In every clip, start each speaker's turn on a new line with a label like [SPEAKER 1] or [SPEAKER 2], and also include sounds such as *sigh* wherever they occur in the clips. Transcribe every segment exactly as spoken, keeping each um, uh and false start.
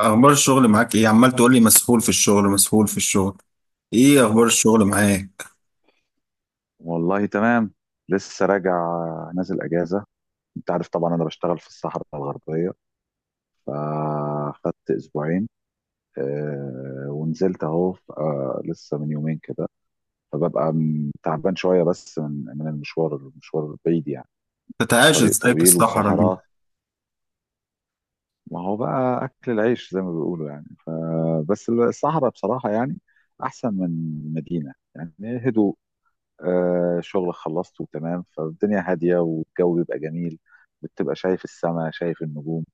[SPEAKER 1] اخبار الشغل معاك ايه؟ عمال تقول لي مسحول في الشغل، مسحول في الشغل، ايه اخبار الشغل معاك؟
[SPEAKER 2] والله تمام. لسه راجع، نازل اجازه. انت عارف طبعا انا بشتغل في الصحراء الغربيه، فاخدت اسبوعين. آه، ونزلت اهو، ف- آه، لسه من يومين كده. فببقى م- تعبان شويه بس من من المشوار، المشوار بعيد يعني.
[SPEAKER 1] بتعايش
[SPEAKER 2] طريق
[SPEAKER 1] ازاي في
[SPEAKER 2] طويل
[SPEAKER 1] الصحراء دي؟
[SPEAKER 2] وصحراء. ما هو بقى اكل العيش زي ما بيقولوا يعني، فبس الصحراء بصراحه يعني احسن من المدينه، يعني هدوء. آه، شغل خلصته تمام، فالدنيا هادية والجو بيبقى جميل. بتبقى شايف السماء، شايف النجوم.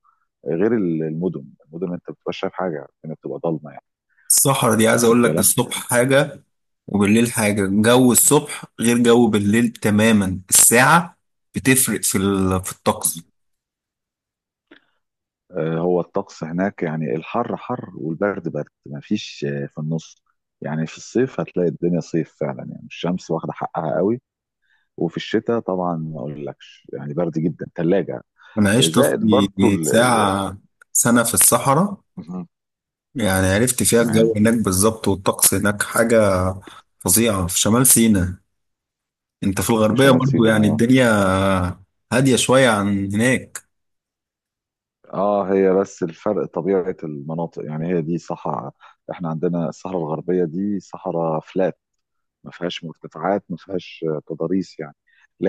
[SPEAKER 2] غير ال- المدن المدن انت بتبقى شايف حاجة، الدنيا بتبقى ضلمة يعني.
[SPEAKER 1] الصحراء دي عايز
[SPEAKER 2] واخد
[SPEAKER 1] اقول لك
[SPEAKER 2] بالك؟
[SPEAKER 1] الصبح حاجة وبالليل حاجة، جو الصبح غير جو بالليل تماما. الساعة بتفرق في ال- في الطقس.
[SPEAKER 2] آه، هو الطقس هناك، يعني الحر حر والبرد برد، ما فيش آه، في النص. يعني في الصيف هتلاقي الدنيا صيف فعلا، يعني الشمس واخدة حقها قوي. وفي الشتاء طبعا ما اقولكش، يعني برد جدا، ثلاجة.
[SPEAKER 1] انا عشت
[SPEAKER 2] زائد برضو
[SPEAKER 1] في
[SPEAKER 2] ال... ال...
[SPEAKER 1] ساعة سنة في الصحراء،
[SPEAKER 2] مهم.
[SPEAKER 1] يعني عرفت فيها
[SPEAKER 2] تمام.
[SPEAKER 1] الجو هناك بالظبط، والطقس هناك حاجة فظيعة في شمال سيناء. انت في
[SPEAKER 2] في
[SPEAKER 1] الغربية
[SPEAKER 2] شمال
[SPEAKER 1] برضو
[SPEAKER 2] سيناء،
[SPEAKER 1] يعني
[SPEAKER 2] اه.
[SPEAKER 1] الدنيا هادية شوية عن هناك.
[SPEAKER 2] اه، هي بس الفرق طبيعة المناطق. يعني هي دي صحراء، احنا عندنا الصحراء الغربية دي صحراء فلات، ما فيهاش مرتفعات، ما فيهاش آه، تضاريس يعني.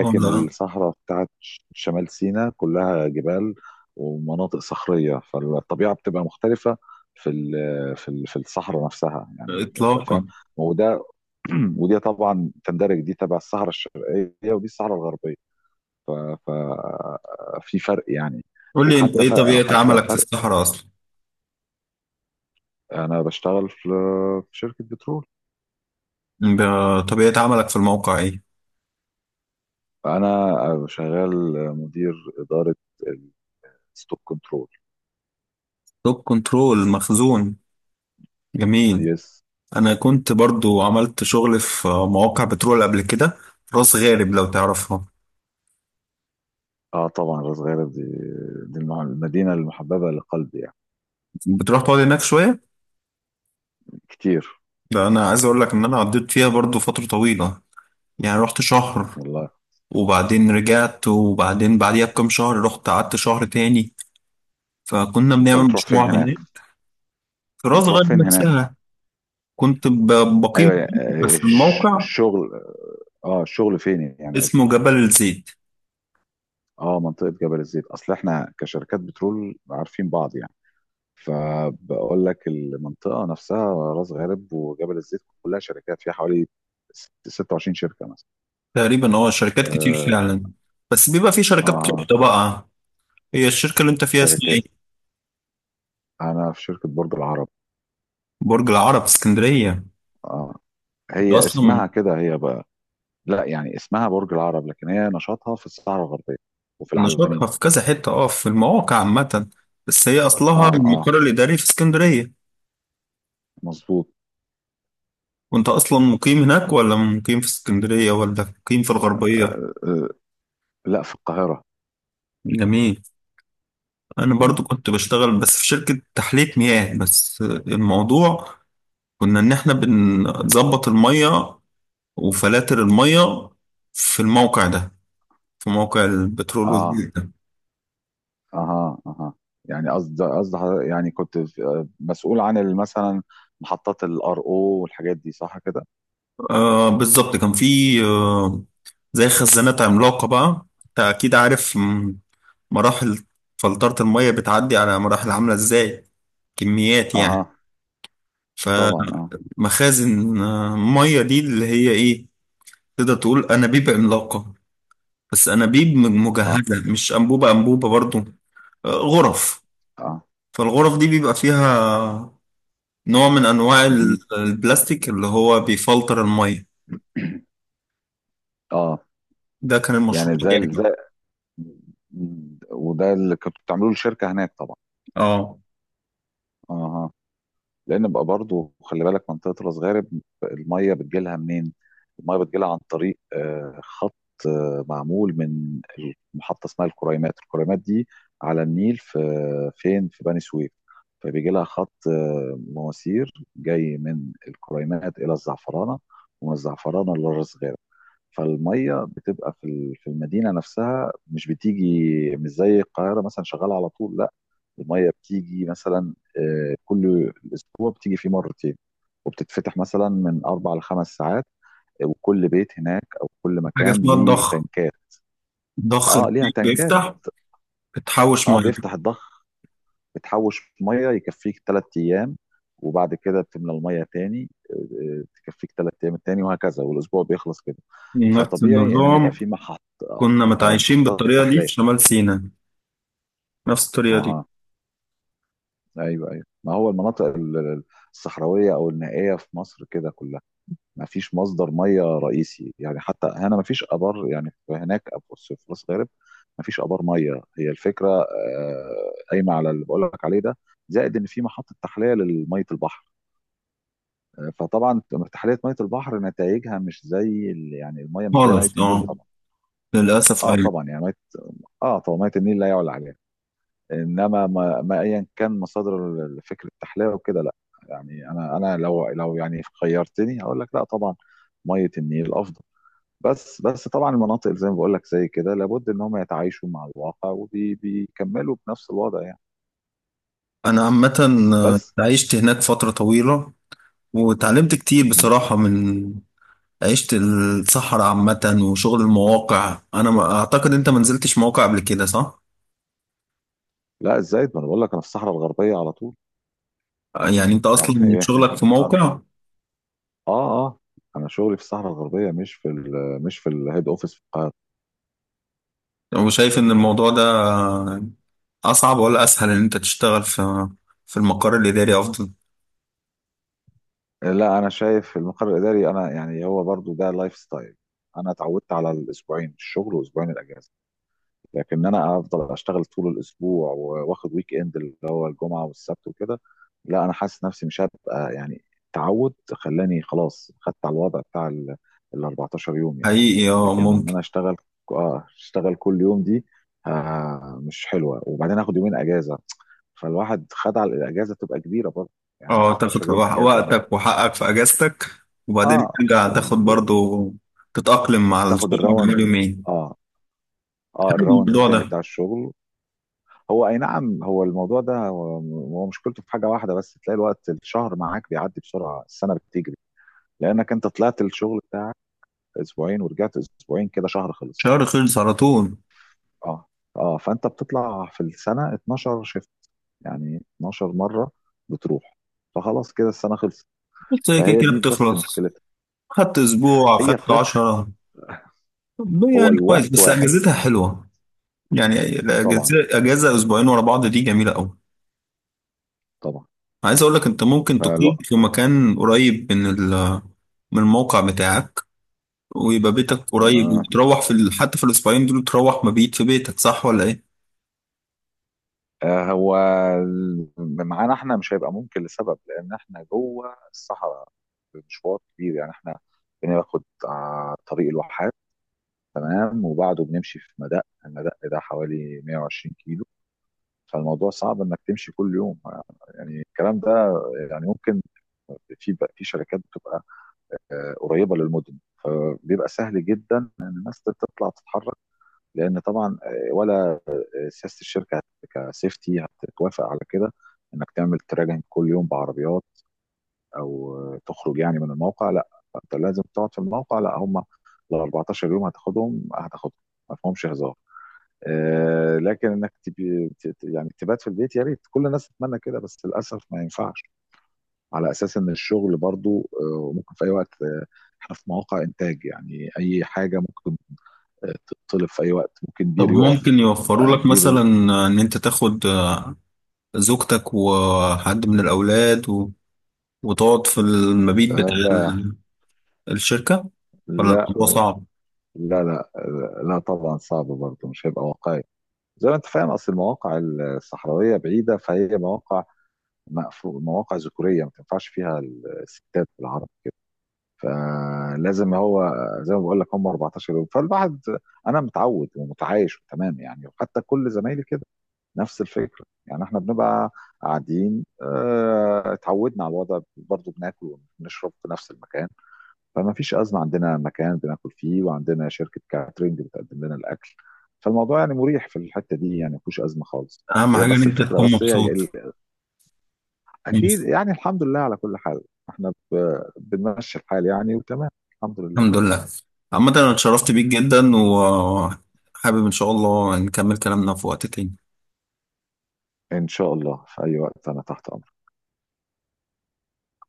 [SPEAKER 1] اه، لا،
[SPEAKER 2] الصحراء بتاعت ش- شمال سيناء كلها جبال ومناطق صخرية، فالطبيعة بتبقى مختلفة في ال- في ال- في الصحراء نفسها يعني، ف- فاهم؟
[SPEAKER 1] اطلاقا.
[SPEAKER 2] وده *clears throat* ودي طبعا تندرج، دي تبع الصحراء الشرقية ودي الصحراء الغربية، ففي فرق يعني.
[SPEAKER 1] قول لي انت
[SPEAKER 2] وحتى
[SPEAKER 1] ايه
[SPEAKER 2] ف...
[SPEAKER 1] طبيعة
[SPEAKER 2] حتى
[SPEAKER 1] عملك في
[SPEAKER 2] فرق.
[SPEAKER 1] الصحراء اصلا؟
[SPEAKER 2] انا بشتغل في في شركة بترول.
[SPEAKER 1] ب- طبيعة عملك في الموقع ايه؟
[SPEAKER 2] انا شغال مدير إدارة الستوك كنترول.
[SPEAKER 1] توب كنترول مخزون. جميل.
[SPEAKER 2] يس.
[SPEAKER 1] انا كنت برضو عملت شغل في مواقع بترول قبل كده، راس غارب لو تعرفها.
[SPEAKER 2] اه طبعا، راس غارب دي، دي المع- المدينة المحببة لقلبي يعني.
[SPEAKER 1] بتروح تقعد هناك شوية.
[SPEAKER 2] كتير.
[SPEAKER 1] ده انا عايز اقول لك ان انا قضيت فيها برضو فترة طويلة، يعني رحت شهر
[SPEAKER 2] والله.
[SPEAKER 1] وبعدين رجعت، وبعدين بعديها بكام شهر رحت قعدت شهر تاني، فكنا
[SPEAKER 2] انت
[SPEAKER 1] بنعمل
[SPEAKER 2] بتروح فين
[SPEAKER 1] مشروع
[SPEAKER 2] هناك؟
[SPEAKER 1] هناك. في راس
[SPEAKER 2] بتروح
[SPEAKER 1] غارب
[SPEAKER 2] فين هناك؟
[SPEAKER 1] نفسها. كنت ب-
[SPEAKER 2] ايوه
[SPEAKER 1] بقيم
[SPEAKER 2] يعني،
[SPEAKER 1] فيه،
[SPEAKER 2] آه،
[SPEAKER 1] بس
[SPEAKER 2] الش-
[SPEAKER 1] الموقع
[SPEAKER 2] الشغل. اه، الشغل فين يعني
[SPEAKER 1] اسمه
[SPEAKER 2] قصدي.
[SPEAKER 1] جبل الزيت.
[SPEAKER 2] اه، منطقة جبل الزيت. اصل احنا كشركات بترول عارفين بعض يعني، فبقول لك المنطقة نفسها، راس غارب وجبل الزيت، كلها شركات، فيها حوالي ست- 26 شركة مثلا.
[SPEAKER 1] تقريبا اه شركات كتير
[SPEAKER 2] اه.
[SPEAKER 1] فعلا. بس بيبقى في شركات
[SPEAKER 2] آه
[SPEAKER 1] كبيرة بقى. هي الشركة اللي انت فيها اسمها
[SPEAKER 2] شركات.
[SPEAKER 1] ايه؟
[SPEAKER 2] انا في شركة برج العرب.
[SPEAKER 1] برج العرب اسكندرية؟
[SPEAKER 2] اه،
[SPEAKER 1] ده
[SPEAKER 2] هي
[SPEAKER 1] اصلا
[SPEAKER 2] اسمها كده هي بقى. لا، يعني اسمها برج العرب لكن هي نشاطها في الصحراء الغربية وفي العلمين.
[SPEAKER 1] نشاطها في كذا حتة، اه في المواقع عامة، بس هي اصلها
[SPEAKER 2] اه اه،
[SPEAKER 1] المقر الإداري في اسكندرية.
[SPEAKER 2] مظبوط.
[SPEAKER 1] وانت اصلا مقيم هناك، ولا مقيم في اسكندرية، ولا مقيم في الغربية؟
[SPEAKER 2] آه لا، في القاهرة.
[SPEAKER 1] جميل. انا برضو
[SPEAKER 2] مم.
[SPEAKER 1] كنت بشتغل بس في شركة تحلية مياه، بس الموضوع كنا إن إحنا بنظبط المية وفلاتر المية في الموقع ده، في موقع البترول
[SPEAKER 2] اه.
[SPEAKER 1] والجيز ده.
[SPEAKER 2] اها اها. يعني قصد قصد حضر- يعني كنت في- آه، مسؤول عن ال- مثلا محطات الار او والحاجات دي، صح كده؟
[SPEAKER 1] آه، بالظبط كان في آه زي خزانات عملاقة بقى، أنت أكيد عارف م- مراحل فلترة المية بتعدي على مراحل عاملة إزاي، كميات يعني،
[SPEAKER 2] اها. طبعا
[SPEAKER 1] فمخازن.
[SPEAKER 2] اه.
[SPEAKER 1] آه، مية دي اللي هي إيه، تقدر تقول أنابيب عملاقة، بس أنابيب م-
[SPEAKER 2] اه
[SPEAKER 1] مجهزة، مش أنبوبة أنبوبة برضو. آه، غرف.
[SPEAKER 2] اه.
[SPEAKER 1] فالغرف دي بيبقى فيها نوع من انواع ال-
[SPEAKER 2] مهم.
[SPEAKER 1] البلاستيك اللي هو بيفلتر الميه.
[SPEAKER 2] *clears throat* اه.
[SPEAKER 1] ده كان المشروع
[SPEAKER 2] يعني زي
[SPEAKER 1] بتاعي
[SPEAKER 2] ال-
[SPEAKER 1] بقى.
[SPEAKER 2] زي، وده اللي كنتوا بتعملوه للشركه هناك طبعا.
[SPEAKER 1] اه،
[SPEAKER 2] اها. لان بقى برضو خلي بالك، منطقه راس غارب الميه بتجيلها منين؟ الميه بتجيلها عن طريق آه، خط، آه، معمول من محطه اسمها الكريمات. الكريمات دي على النيل في فين؟ في بني سويف. فبيجي لها خط آه، مواسير جاي من الكريمات الى الزعفرانه، ومن الزعفرانه لراس غارب. فالميه بتبقى في ال- في المدينه نفسها، مش بتيجي مش زي القاهره مثلا شغاله على طول، لا. الميه بتيجي مثلا آه، كل اسبوع بتيجي فيه مرتين، وبتتفتح مثلا من اربع لخمس ساعات. وكل بيت هناك او كل
[SPEAKER 1] حاجه
[SPEAKER 2] مكان
[SPEAKER 1] اسمها
[SPEAKER 2] ليه
[SPEAKER 1] الضخ،
[SPEAKER 2] تنكات.
[SPEAKER 1] ضخ
[SPEAKER 2] اه، ليها
[SPEAKER 1] البيت
[SPEAKER 2] تنكات.
[SPEAKER 1] بيفتح بتحوش
[SPEAKER 2] اه،
[SPEAKER 1] ميه.
[SPEAKER 2] بيفتح الضخ، بتحوش ميه يكفيك ثلاث ايام. وبعد كده بتملى الميه تاني، آه، آه، تكفيك ثلاث ايام التاني، وهكذا والاسبوع بيخلص كده.
[SPEAKER 1] نفس
[SPEAKER 2] فطبيعي ان يبقى
[SPEAKER 1] النظام،
[SPEAKER 2] في محط
[SPEAKER 1] كنا
[SPEAKER 2] آه،
[SPEAKER 1] متعايشين
[SPEAKER 2] محطات
[SPEAKER 1] بالطريقه دي في
[SPEAKER 2] تحليه.
[SPEAKER 1] شمال سيناء، نفس الطريقه دي.
[SPEAKER 2] اها. ايوه ايوه، ما هو المناطق ال- الصحراويه او النائيه في مصر كده كلها ما فيش مصدر ميه رئيسي يعني. حتى هنا ما فيش ابار يعني، في هناك أبو- في راس غارب ما فيش ابار ميه. هي الفكره آه، قايمه على اللي بقول لك عليه ده، زائد ان في محطه تحليه لميه البحر. فطبعا ارتحاليه ميه البحر نتائجها مش زي ال- يعني الميه مش زي ميه
[SPEAKER 1] خالص،
[SPEAKER 2] النيل
[SPEAKER 1] اه.
[SPEAKER 2] طبعا.
[SPEAKER 1] للاسف،
[SPEAKER 2] اه
[SPEAKER 1] ايوه.
[SPEAKER 2] طبعا، يعني ميه، اه طبعا ميه النيل لا يعلى عليها. انما ما, ما ايا كان مصادر، ال- فكره التحليه وكده، لا. يعني انا انا لو لو يعني خيرتني هقول لك لا طبعا، ميه النيل افضل. بس بس طبعا المناطق زي ما بقول لك زي كده، لابد ان هم يتعايشوا مع الواقع وبيكملوا بنفس الوضع يعني.
[SPEAKER 1] انا عامه آه،
[SPEAKER 2] بس.
[SPEAKER 1] عشت هناك فتره طويله، وتعلمت كتير
[SPEAKER 2] مهم.
[SPEAKER 1] بصراحه من عشت الصحراء عامة وشغل المواقع. أنا ما أعتقد أنت ما نزلتش مواقع قبل كده، صح؟
[SPEAKER 2] لا، الزايد، ما انا بقول لك انا في الصحراء الغربيه على طول.
[SPEAKER 1] يعني أنت أصلا
[SPEAKER 2] يعني
[SPEAKER 1] شغلك في
[SPEAKER 2] *laughs* اه.
[SPEAKER 1] موقع.
[SPEAKER 2] اه اه. انا شغلي في الصحراء الغربيه مش في ال مش في الهيد اوفيس في القاهره.
[SPEAKER 1] وشايف إن الموضوع ده أصعب ولا أسهل، إن أنت تشتغل في في المقر الإداري أفضل؟
[SPEAKER 2] لا، انا شايف المقر الاداري، انا يعني هو برضو ده لايف ستايل. انا اتعودت على الاسبوعين الشغل واسبوعين الاجازه، لكن انا افضل اشتغل طول الاسبوع واخد ويك اند اللي هو الجمعه والسبت وكده. لا، انا حاسس نفسي مش هبقى يعني، التعود خلاني خلاص خدت على الوضع بتاع ال ال اربعتاشر يوم يعني.
[SPEAKER 1] حقيقي أه
[SPEAKER 2] لكن ان
[SPEAKER 1] ممكن.
[SPEAKER 2] انا اشتغل، اه اشتغل كل يوم، دي آه مش حلوه. وبعدين اخد يومين اجازه، فالواحد خد على الاجازه تبقى كبيره برضه، يعني
[SPEAKER 1] أه
[SPEAKER 2] اربعتاشر
[SPEAKER 1] تاخد
[SPEAKER 2] يوم اجازه انا.
[SPEAKER 1] وقتك وحقك في أجازتك، وبعدين
[SPEAKER 2] اه.
[SPEAKER 1] ترجع تاخد برضو تتأقلم مع
[SPEAKER 2] تاخد
[SPEAKER 1] الشغل بقاله
[SPEAKER 2] الراوند،
[SPEAKER 1] يومين.
[SPEAKER 2] اه. اه،
[SPEAKER 1] حلو
[SPEAKER 2] الراوند
[SPEAKER 1] الموضوع
[SPEAKER 2] التاني
[SPEAKER 1] ده.
[SPEAKER 2] بتاع الشغل. هو اي نعم، هو الموضوع ده هو، هو مشكلته في حاجه واحده بس، تلاقي الوقت الشهر معاك بيعدي بسرعه، السنه بتجري، لانك انت طلعت الشغل بتاعك اسبوعين ورجعت اسبوعين، كده شهر خلص.
[SPEAKER 1] شهر خلص على طول.
[SPEAKER 2] اه. اه، فانت بتطلع في السنه اتناشر شيفت، يعني اتناشر مره بتروح، فخلاص كده السنه خلصت.
[SPEAKER 1] بس هي كده
[SPEAKER 2] فهي
[SPEAKER 1] كده
[SPEAKER 2] دي بس
[SPEAKER 1] بتخلص.
[SPEAKER 2] مشكلتها،
[SPEAKER 1] خدت أسبوع
[SPEAKER 2] هي
[SPEAKER 1] خدت
[SPEAKER 2] فراخ.
[SPEAKER 1] عشرة. طب
[SPEAKER 2] هو
[SPEAKER 1] يعني كويس
[SPEAKER 2] الوقت
[SPEAKER 1] بس
[SPEAKER 2] واحد.
[SPEAKER 1] اجازتها حلوه، يعني
[SPEAKER 2] طبعا.
[SPEAKER 1] الاجازه اجازه اسبوعين ورا بعض دي جميله قوي.
[SPEAKER 2] طبعا.
[SPEAKER 1] عايز اقول لك انت ممكن تقيم
[SPEAKER 2] فالوقت،
[SPEAKER 1] في مكان قريب من ال- من الموقع بتاعك، ويبقى بيتك قريب،
[SPEAKER 2] آه
[SPEAKER 1] وتروح في ال- حتى في الاسبوعين دول تروح مبيت في بيتك، صح ولا ايه؟
[SPEAKER 2] آه، هو ال- معانا احنا مش هيبقى ممكن لسبب، لان احنا جوه الصحراء، مشوار كبير يعني. احنا بناخد آه، طريق الواحات، تمام، وبعده بنمشي في مدق، المدق ده حوالي مائة وعشرين كيلو. فالموضوع صعب انك تمشي كل يوم، يعني الكلام ده. يعني ممكن، في في شركات بتبقى آه، قريبه للمدن، فبيبقى سهل جدا ان الناس تطلع تتحرك، لان طبعا آه، سياسه الشركه هت- كسيفتي هتتوافق على كده انك تعمل تراجعين كل يوم بعربيات، او آه، تخرج يعني من الموقع. لا، فانت لازم تقعد في الموقع. لا هم، ال اربعتاشر يوم هتاخدهم هتاخدهم، ما فيهمش هزار. آه، لكن انك تبي ت- ت- يعني تبات في البيت، يا ريت كل الناس تتمنى كده، بس للاسف ما ينفعش، على اساس ان الشغل برضو آه، ممكن في اي وقت. آه، احنا في مواقع انتاج، يعني اي حاجه ممكن آه، تتطلب في اي وقت، ممكن
[SPEAKER 1] طب
[SPEAKER 2] بير يقف.
[SPEAKER 1] ممكن يوفروا لك
[SPEAKER 2] فالبير.
[SPEAKER 1] مثلا ان انت تاخد زوجتك وحد من الاولاد و... وتقعد في المبيت
[SPEAKER 2] آه
[SPEAKER 1] بتاع
[SPEAKER 2] لا
[SPEAKER 1] ال- الشركه، ولا
[SPEAKER 2] لا
[SPEAKER 1] الموضوع صعب؟
[SPEAKER 2] لا لا لا طبعا صعب برضه، مش هيبقى واقعي. زي ما انت فاهم، اصل المواقع الصحراويه بعيده، فهي مواقع مقفول، مواقع ذكوريه ما تنفعش فيها الستات العرب كده. فلازم هو، زي ما بقول لك، هم اربعتاشر يوم. فالواحد انا متعود ومتعايش تمام يعني. وحتى كل زمايلي كده نفس الفكره، يعني احنا بنبقى قاعدين، اه، اتعودنا على الوضع برضه، بناكل ونشرب في نفس المكان، فما فيش أزمة. عندنا مكان بناكل فيه، وعندنا شركة كاترينج بتقدم لنا الأكل، فالموضوع يعني مريح في الحتة دي يعني، ما فيهوش أزمة خالص.
[SPEAKER 1] اهم
[SPEAKER 2] هي
[SPEAKER 1] حاجه ان
[SPEAKER 2] بس
[SPEAKER 1] انت
[SPEAKER 2] الفكرة،
[SPEAKER 1] تكون
[SPEAKER 2] بس هي
[SPEAKER 1] مبسوط.
[SPEAKER 2] ال- أكيد يعني، الحمد لله على كل حال، احنا ب- بنمشي الحال يعني، وتمام الحمد لله.
[SPEAKER 1] الحمد لله. عامة أنا اتشرفت بيك جدا، وحابب إن شاء الله نكمل كلامنا في وقت تاني.
[SPEAKER 2] إن شاء الله في أي وقت، أنا تحت أمرك.